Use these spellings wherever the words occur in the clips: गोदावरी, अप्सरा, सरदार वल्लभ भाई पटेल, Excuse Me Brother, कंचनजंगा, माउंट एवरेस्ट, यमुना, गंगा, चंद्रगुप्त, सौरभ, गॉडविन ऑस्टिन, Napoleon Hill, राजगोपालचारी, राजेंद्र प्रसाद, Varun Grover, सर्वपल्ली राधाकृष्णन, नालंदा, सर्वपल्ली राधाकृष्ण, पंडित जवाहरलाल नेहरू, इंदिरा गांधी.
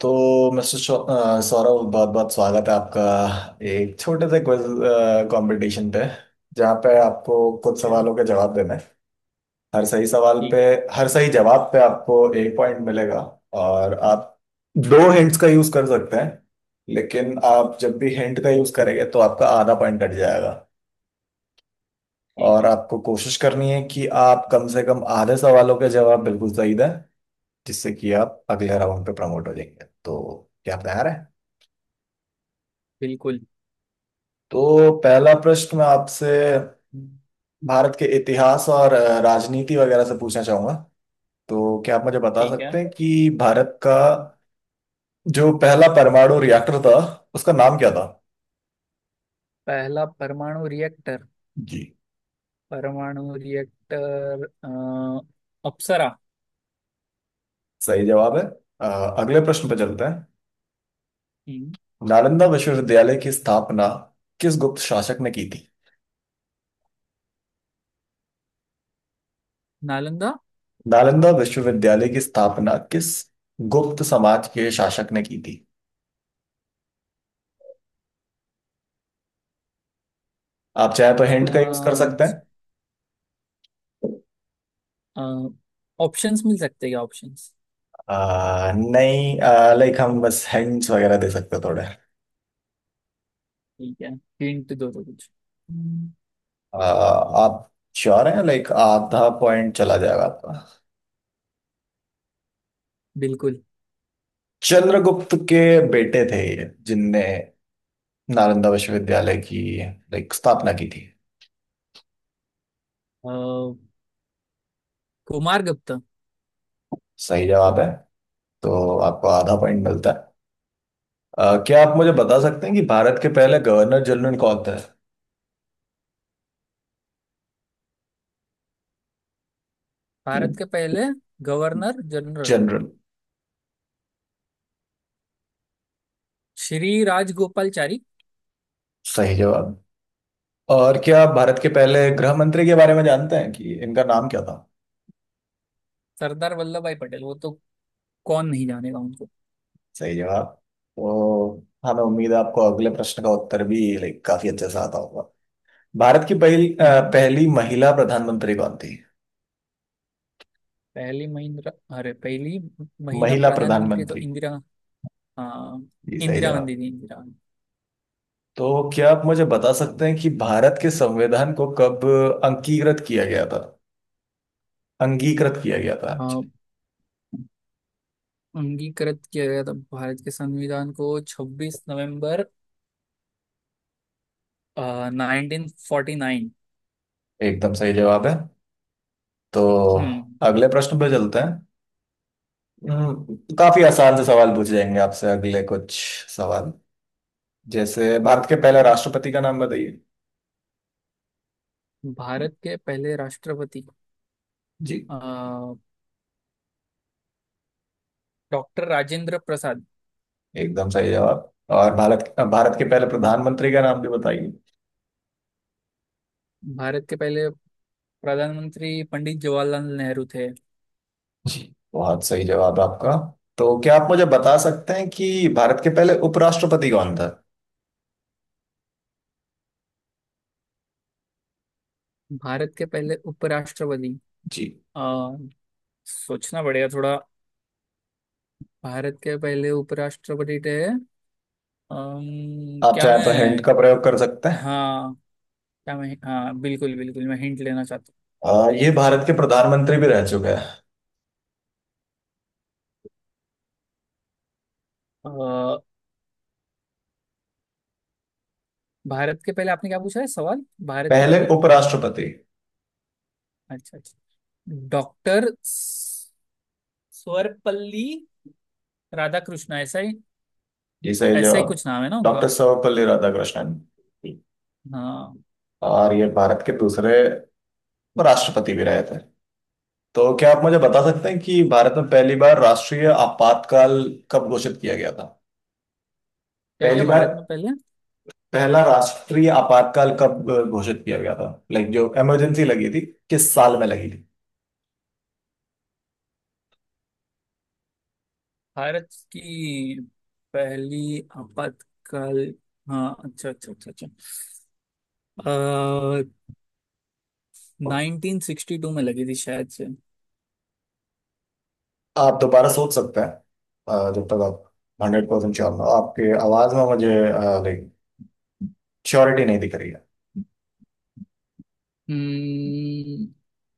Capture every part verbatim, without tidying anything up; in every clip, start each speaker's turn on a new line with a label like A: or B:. A: तो मिस्टर शौ- अ, सौरभ, बहुत बहुत स्वागत है आपका। एक छोटे से क्विज कंपटीशन पे, जहाँ पे आपको कुछ
B: ओके।
A: सवालों के जवाब देने हैं। हर सही सवाल पे
B: ठीक है।
A: हर सही जवाब पे आपको एक पॉइंट मिलेगा और आप दो हिंट्स का यूज कर सकते हैं, लेकिन आप जब भी हिंट का यूज करेंगे तो आपका आधा पॉइंट कट जाएगा।
B: ठीक
A: और
B: है।
A: आपको कोशिश करनी है कि आप कम से कम आधे सवालों के जवाब बिल्कुल सही दें, जिससे कि आप अगले राउंड पे प्रमोट हो जाएंगे। तो क्या आप तैयार हैं?
B: बिल्कुल।
A: तो पहला प्रश्न मैं आपसे भारत के इतिहास और अ, राजनीति वगैरह से पूछना चाहूंगा। तो क्या आप मुझे बता
B: ठीक है।
A: सकते हैं कि भारत का जो पहला परमाणु रिएक्टर था, उसका नाम क्या था?
B: पहला परमाणु रिएक्टर,
A: जी,
B: परमाणु रिएक्टर अप्सरा।
A: सही जवाब है। अ, अगले प्रश्न पर चलते हैं।
B: हम्म।
A: नालंदा विश्वविद्यालय की स्थापना किस गुप्त शासक ने की थी?
B: नालंदा।
A: नालंदा विश्वविद्यालय की स्थापना किस गुप्त समाज के शासक ने की थी? आप चाहे तो हिंट का यूज कर सकते
B: कांच।
A: हैं।
B: ऑप्शंस मिल सकते हैं क्या? ऑप्शंस?
A: आ, नहीं, लाइक हम बस हिंट्स वगैरह दे सकते हैं थोड़े।
B: ठीक है। हिंट दो तो कुछ। हम्म।
A: आ, आप श्योर हैं? लाइक आधा पॉइंट चला जाएगा आपका।
B: बिल्कुल।
A: चंद्रगुप्त के बेटे थे ये, जिनने नालंदा विश्वविद्यालय की लाइक स्थापना की थी।
B: अ, कुमार गुप्ता।
A: सही जवाब है। तो आपको आधा पॉइंट
B: हम्म।
A: मिलता है। आ, क्या आप मुझे बता सकते हैं कि भारत के पहले गवर्नर जनरल कौन थे?
B: भारत के पहले governor general
A: general.
B: Shri राजगोपालचारी।
A: सही जवाब। और क्या आप भारत के पहले गृह मंत्री के बारे में जानते हैं कि इनका नाम क्या था?
B: सरदार वल्लभ भाई पटेल, वो तो कौन नहीं जानेगा।
A: सही जवाब। तो हमें उम्मीद है आपको अगले प्रश्न का उत्तर भी लाइक काफी अच्छे से आता होगा। भारत की पहली अ,
B: उनको
A: पहली महिला प्रधानमंत्री कौन थी?
B: पहली महिंद्रा, अरे पहली महिला
A: महिला
B: प्रधानमंत्री तो
A: प्रधानमंत्री।
B: इंदिरा, हाँ,
A: जी, सही
B: इंदिरा
A: जवाब।
B: गांधी थी। इंदिरा गांधी।
A: तो क्या आप मुझे बता सकते हैं कि भारत के संविधान को कब अंगीकृत किया गया था? अंगीकृत किया गया था
B: हाँ,
A: एक्चुअली।
B: अंगीकृत किया गया था भारत के संविधान को छब्बीस नवंबर नाइनटीन फोर्टी नाइन।
A: एकदम सही जवाब है। तो
B: हम्म।
A: अगले प्रश्न पे चलते हैं। हम्म, काफी आसान से सवाल पूछ जाएंगे आपसे अगले कुछ सवाल, जैसे भारत के
B: ओके,
A: पहले
B: ओके।
A: राष्ट्रपति का नाम बताइए।
B: भारत के पहले राष्ट्रपति
A: जी,
B: डॉक्टर राजेंद्र प्रसाद।
A: एकदम सही जवाब। और भारत भारत के पहले
B: हम्म।
A: प्रधानमंत्री का नाम भी बताइए।
B: भारत के पहले प्रधानमंत्री पंडित जवाहरलाल नेहरू थे।
A: जी, बहुत सही जवाब आपका। तो क्या आप मुझे बता सकते हैं कि भारत के पहले उपराष्ट्रपति कौन था?
B: भारत के पहले उपराष्ट्रपति।
A: जी।
B: अ, सोचना पड़ेगा थोड़ा। भारत के पहले उपराष्ट्रपति थे, अम्म,
A: आप
B: क्या
A: चाहें तो हिंट
B: मैं?
A: का प्रयोग कर सकते हैं।
B: हाँ, क्या मैं, हाँ, बिल्कुल बिल्कुल, मैं हिंट लेना चाहता
A: आ, ये भारत के प्रधानमंत्री भी रह चुके हैं।
B: हूँ। अ, भारत के पहले, आपने क्या पूछा है सवाल? भारत के
A: पहले
B: पहले।
A: उपराष्ट्रपति।
B: अच्छा, अच्छा। डॉक्टर सर्वपल्ली राधाकृष्ण, ऐसा ही,
A: जी, सही
B: ऐसा ही
A: जवाब।
B: कुछ नाम है ना
A: डॉक्टर
B: उनका?
A: सर्वपल्ली राधाकृष्णन।
B: हाँ।
A: और ये भारत के दूसरे राष्ट्रपति भी रहे थे। तो क्या आप मुझे बता सकते हैं कि भारत में पहली बार राष्ट्रीय आपातकाल कब घोषित किया गया था?
B: क्या
A: पहली
B: क्या
A: बार
B: भारत में पहले,
A: पहला राष्ट्रीय आपातकाल कब अ, घोषित किया गया था? लाइक जो इमरजेंसी लगी थी, किस साल में लगी थी?
B: भारत की पहली आपातकाल? हाँ, अच्छा, अच्छा, अच्छा, अच्छा। नाइनटीन सिक्सटी टू में लगी थी शायद से।
A: आप दोबारा सोच सकते हैं। अ, जब तक आप हंड्रेड परसेंट श्योर ना हो, आपके आवाज में मुझे लाइक श्योरिटी नहीं दिख रही है।
B: हम्म,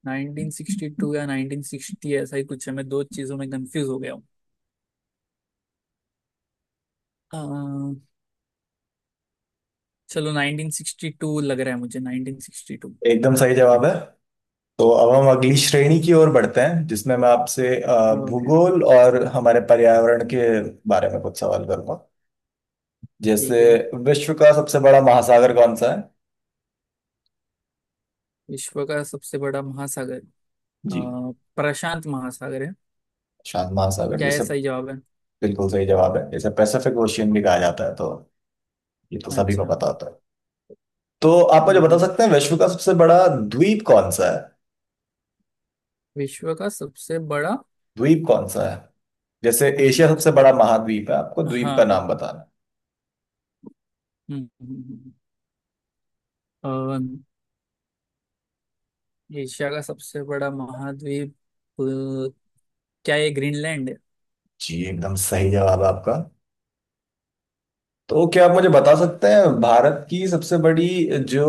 B: नाइनटीन सिक्सटी टू या नाइनटीन सिक्सटी, ऐसा ही कुछ है, मैं दो चीजों में कंफ्यूज हो गया हूँ। अ, चलो, नाइनटीन सिक्सटी टू लग रहा है मुझे। Nineteen sixty two.
A: एकदम सही जवाब है। तो अब हम अगली श्रेणी की ओर बढ़ते हैं, जिसमें मैं आपसे अ,
B: ओके।
A: भूगोल और हमारे पर्यावरण के बारे में कुछ सवाल करूंगा। जैसे
B: ठीक है।
A: विश्व का सबसे बड़ा महासागर कौन सा है?
B: विश्व का सबसे बड़ा महासागर अ,
A: जी।
B: प्रशांत महासागर है।
A: शांत महासागर,
B: क्या ये
A: जैसे
B: सही जवाब है?
A: बिल्कुल सही जवाब है, इसे पैसिफिक ओशियन भी कहा जाता है। तो ये तो सभी को
B: अच्छा। हम्म।
A: पता होता है। तो आप मुझे बता
B: हम्म।
A: सकते हैं विश्व का सबसे बड़ा द्वीप कौन सा है?
B: विश्व का सबसे बड़ा।
A: द्वीप कौन सा है? जैसे
B: अच्छा,
A: एशिया सबसे
B: अच्छा।
A: बड़ा महाद्वीप है, आपको द्वीप का
B: हाँ, हाँ।
A: नाम बताना है।
B: हम्म, हम्म, हम्म। हम्म। अ, एशिया का सबसे बड़ा महाद्वीप, अ, क्या ये ग्रीनलैंड है?
A: जी, एकदम सही जवाब है आपका। तो क्या आप मुझे बता सकते हैं भारत की सबसे बड़ी जो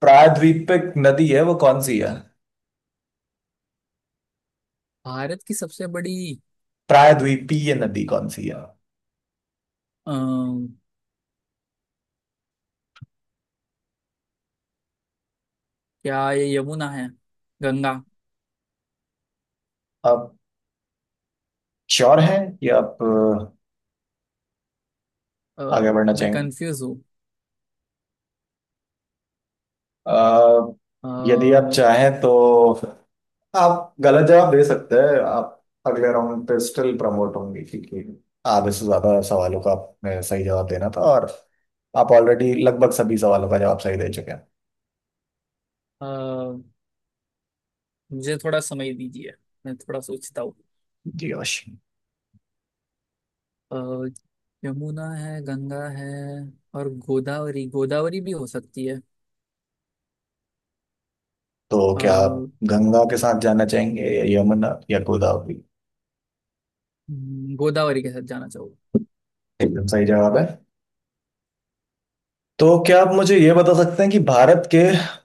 A: प्रायद्वीपीय नदी है वो कौन सी है?
B: भारत की सबसे बड़ी,
A: प्रायद्वीपीय नदी कौन सी है?
B: अम्म, क्या ये यमुना है? गंगा?
A: आप श्योर हैं कि आप
B: अ,
A: अ, आगे बढ़ना
B: मैं
A: चाहेंगे?
B: कंफ्यूज हूँ।
A: अ,
B: अ,
A: यदि आप चाहें तो आप गलत जवाब दे सकते हैं, आप अगले राउंड पे स्टिल प्रमोट होंगे क्योंकि आधे से ज्यादा सवालों का आपने सही जवाब देना था, और आप ऑलरेडी लगभग सभी सवालों का जवाब सही दे चुके हैं।
B: अ, मुझे थोड़ा समय दीजिए, मैं थोड़ा सोचता हूँ।
A: जी, अवश्य।
B: अ, यमुना है, गंगा है, और गोदावरी, गोदावरी भी हो सकती है।
A: तो
B: अ,
A: क्या आप
B: हम्म,
A: गंगा के साथ जाना चाहेंगे या यमुना या गोदावरी?
B: गोदावरी के साथ जाना चाहूँ।
A: एकदम सही जवाब है। तो क्या आप मुझे ये बता सकते हैं कि भारत के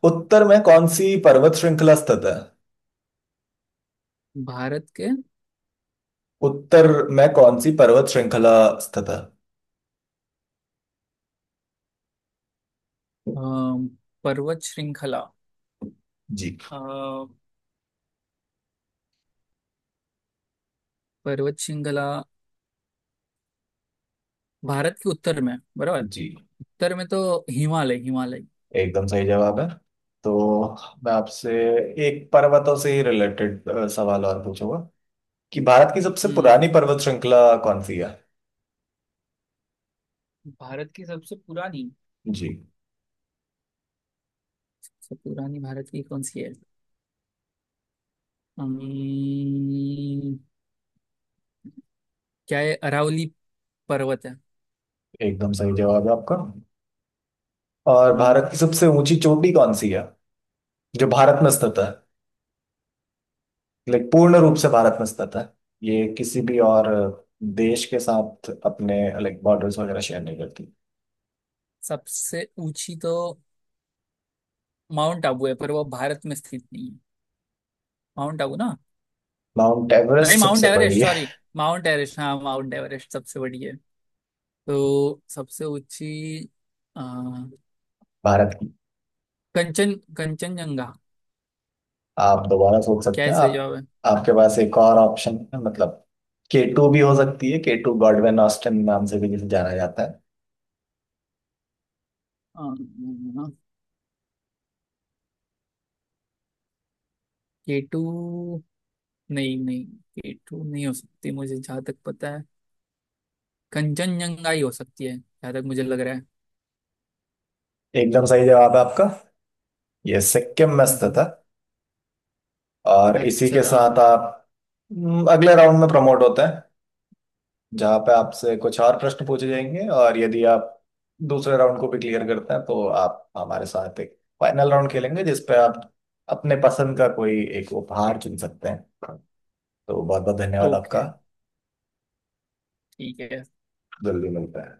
A: उत्तर में कौन सी पर्वत श्रृंखला स्थित है?
B: भारत के
A: उत्तर में कौन सी पर्वत श्रृंखला स्थित है?
B: अ, पर्वत श्रृंखला,
A: जी।
B: अ, पर्वत श्रृंखला भारत के उत्तर में बराबर।
A: जी,
B: उत्तर में तो हिमालय, हिमालय।
A: एकदम सही जवाब है। तो मैं आपसे एक पर्वतों से ही रिलेटेड सवाल और पूछूंगा कि भारत की सबसे
B: हम्म।
A: पुरानी पर्वत श्रृंखला कौन सी है?
B: भारत की सबसे पुरानी,
A: जी,
B: सबसे पुरानी भारत की कौन सी है? अम्म, क्या है? अरावली पर्वत है।
A: एकदम सही जवाब है आपका। और भारत
B: हम्म,
A: की सबसे ऊंची चोटी कौन सी है जो भारत में स्थित है? लाइक पूर्ण रूप से भारत में स्थित है, ये किसी भी और देश के साथ अपने लाइक बॉर्डर्स वगैरह शेयर नहीं करती।
B: सबसे ऊंची तो माउंट आबू है, पर वो भारत में स्थित नहीं है। माउंट आबू ना।
A: माउंट
B: नहीं,
A: एवरेस्ट
B: माउंट
A: सबसे बड़ी
B: एवरेस्ट,
A: है
B: सॉरी, माउंट एवरेस्ट, हाँ माउंट एवरेस्ट सबसे बड़ी है। तो सबसे ऊंची अ,
A: भारत की?
B: कंचन कंचनजंगा।
A: आप दोबारा सोच
B: क्या
A: सकते
B: है
A: हैं।
B: सही
A: आप
B: जवाब है?
A: आपके पास एक और ऑप्शन है, मतलब के टू भी हो सकती है, के टू गॉडविन ऑस्टिन नाम से भी जिसे जाना जाता है।
B: अम्म, केटू, नहीं, नहीं, केटू नहीं हो सकती, मुझे जहाँ तक पता है कंचनजंगा ही हो सकती है, जहाँ तक मुझे लग रहा है।
A: एकदम सही जवाब है आपका। ये सिक्किम में स्थित
B: हम्म।
A: है। और इसी के
B: अच्छा।
A: साथ आप हम्म, अगले राउंड में प्रमोट होते हैं, जहाँ पे आपसे कुछ और प्रश्न पूछे जाएंगे, और यदि आप दूसरे राउंड को भी क्लियर करते हैं तो आप हमारे साथ एक फाइनल राउंड खेलेंगे, जिसपे आप अपने पसंद का कोई एक उपहार चुन सकते हैं। तो बहुत बहुत धन्यवाद आपका।
B: ओके। ठीक है।
A: जल्दी मिलता है।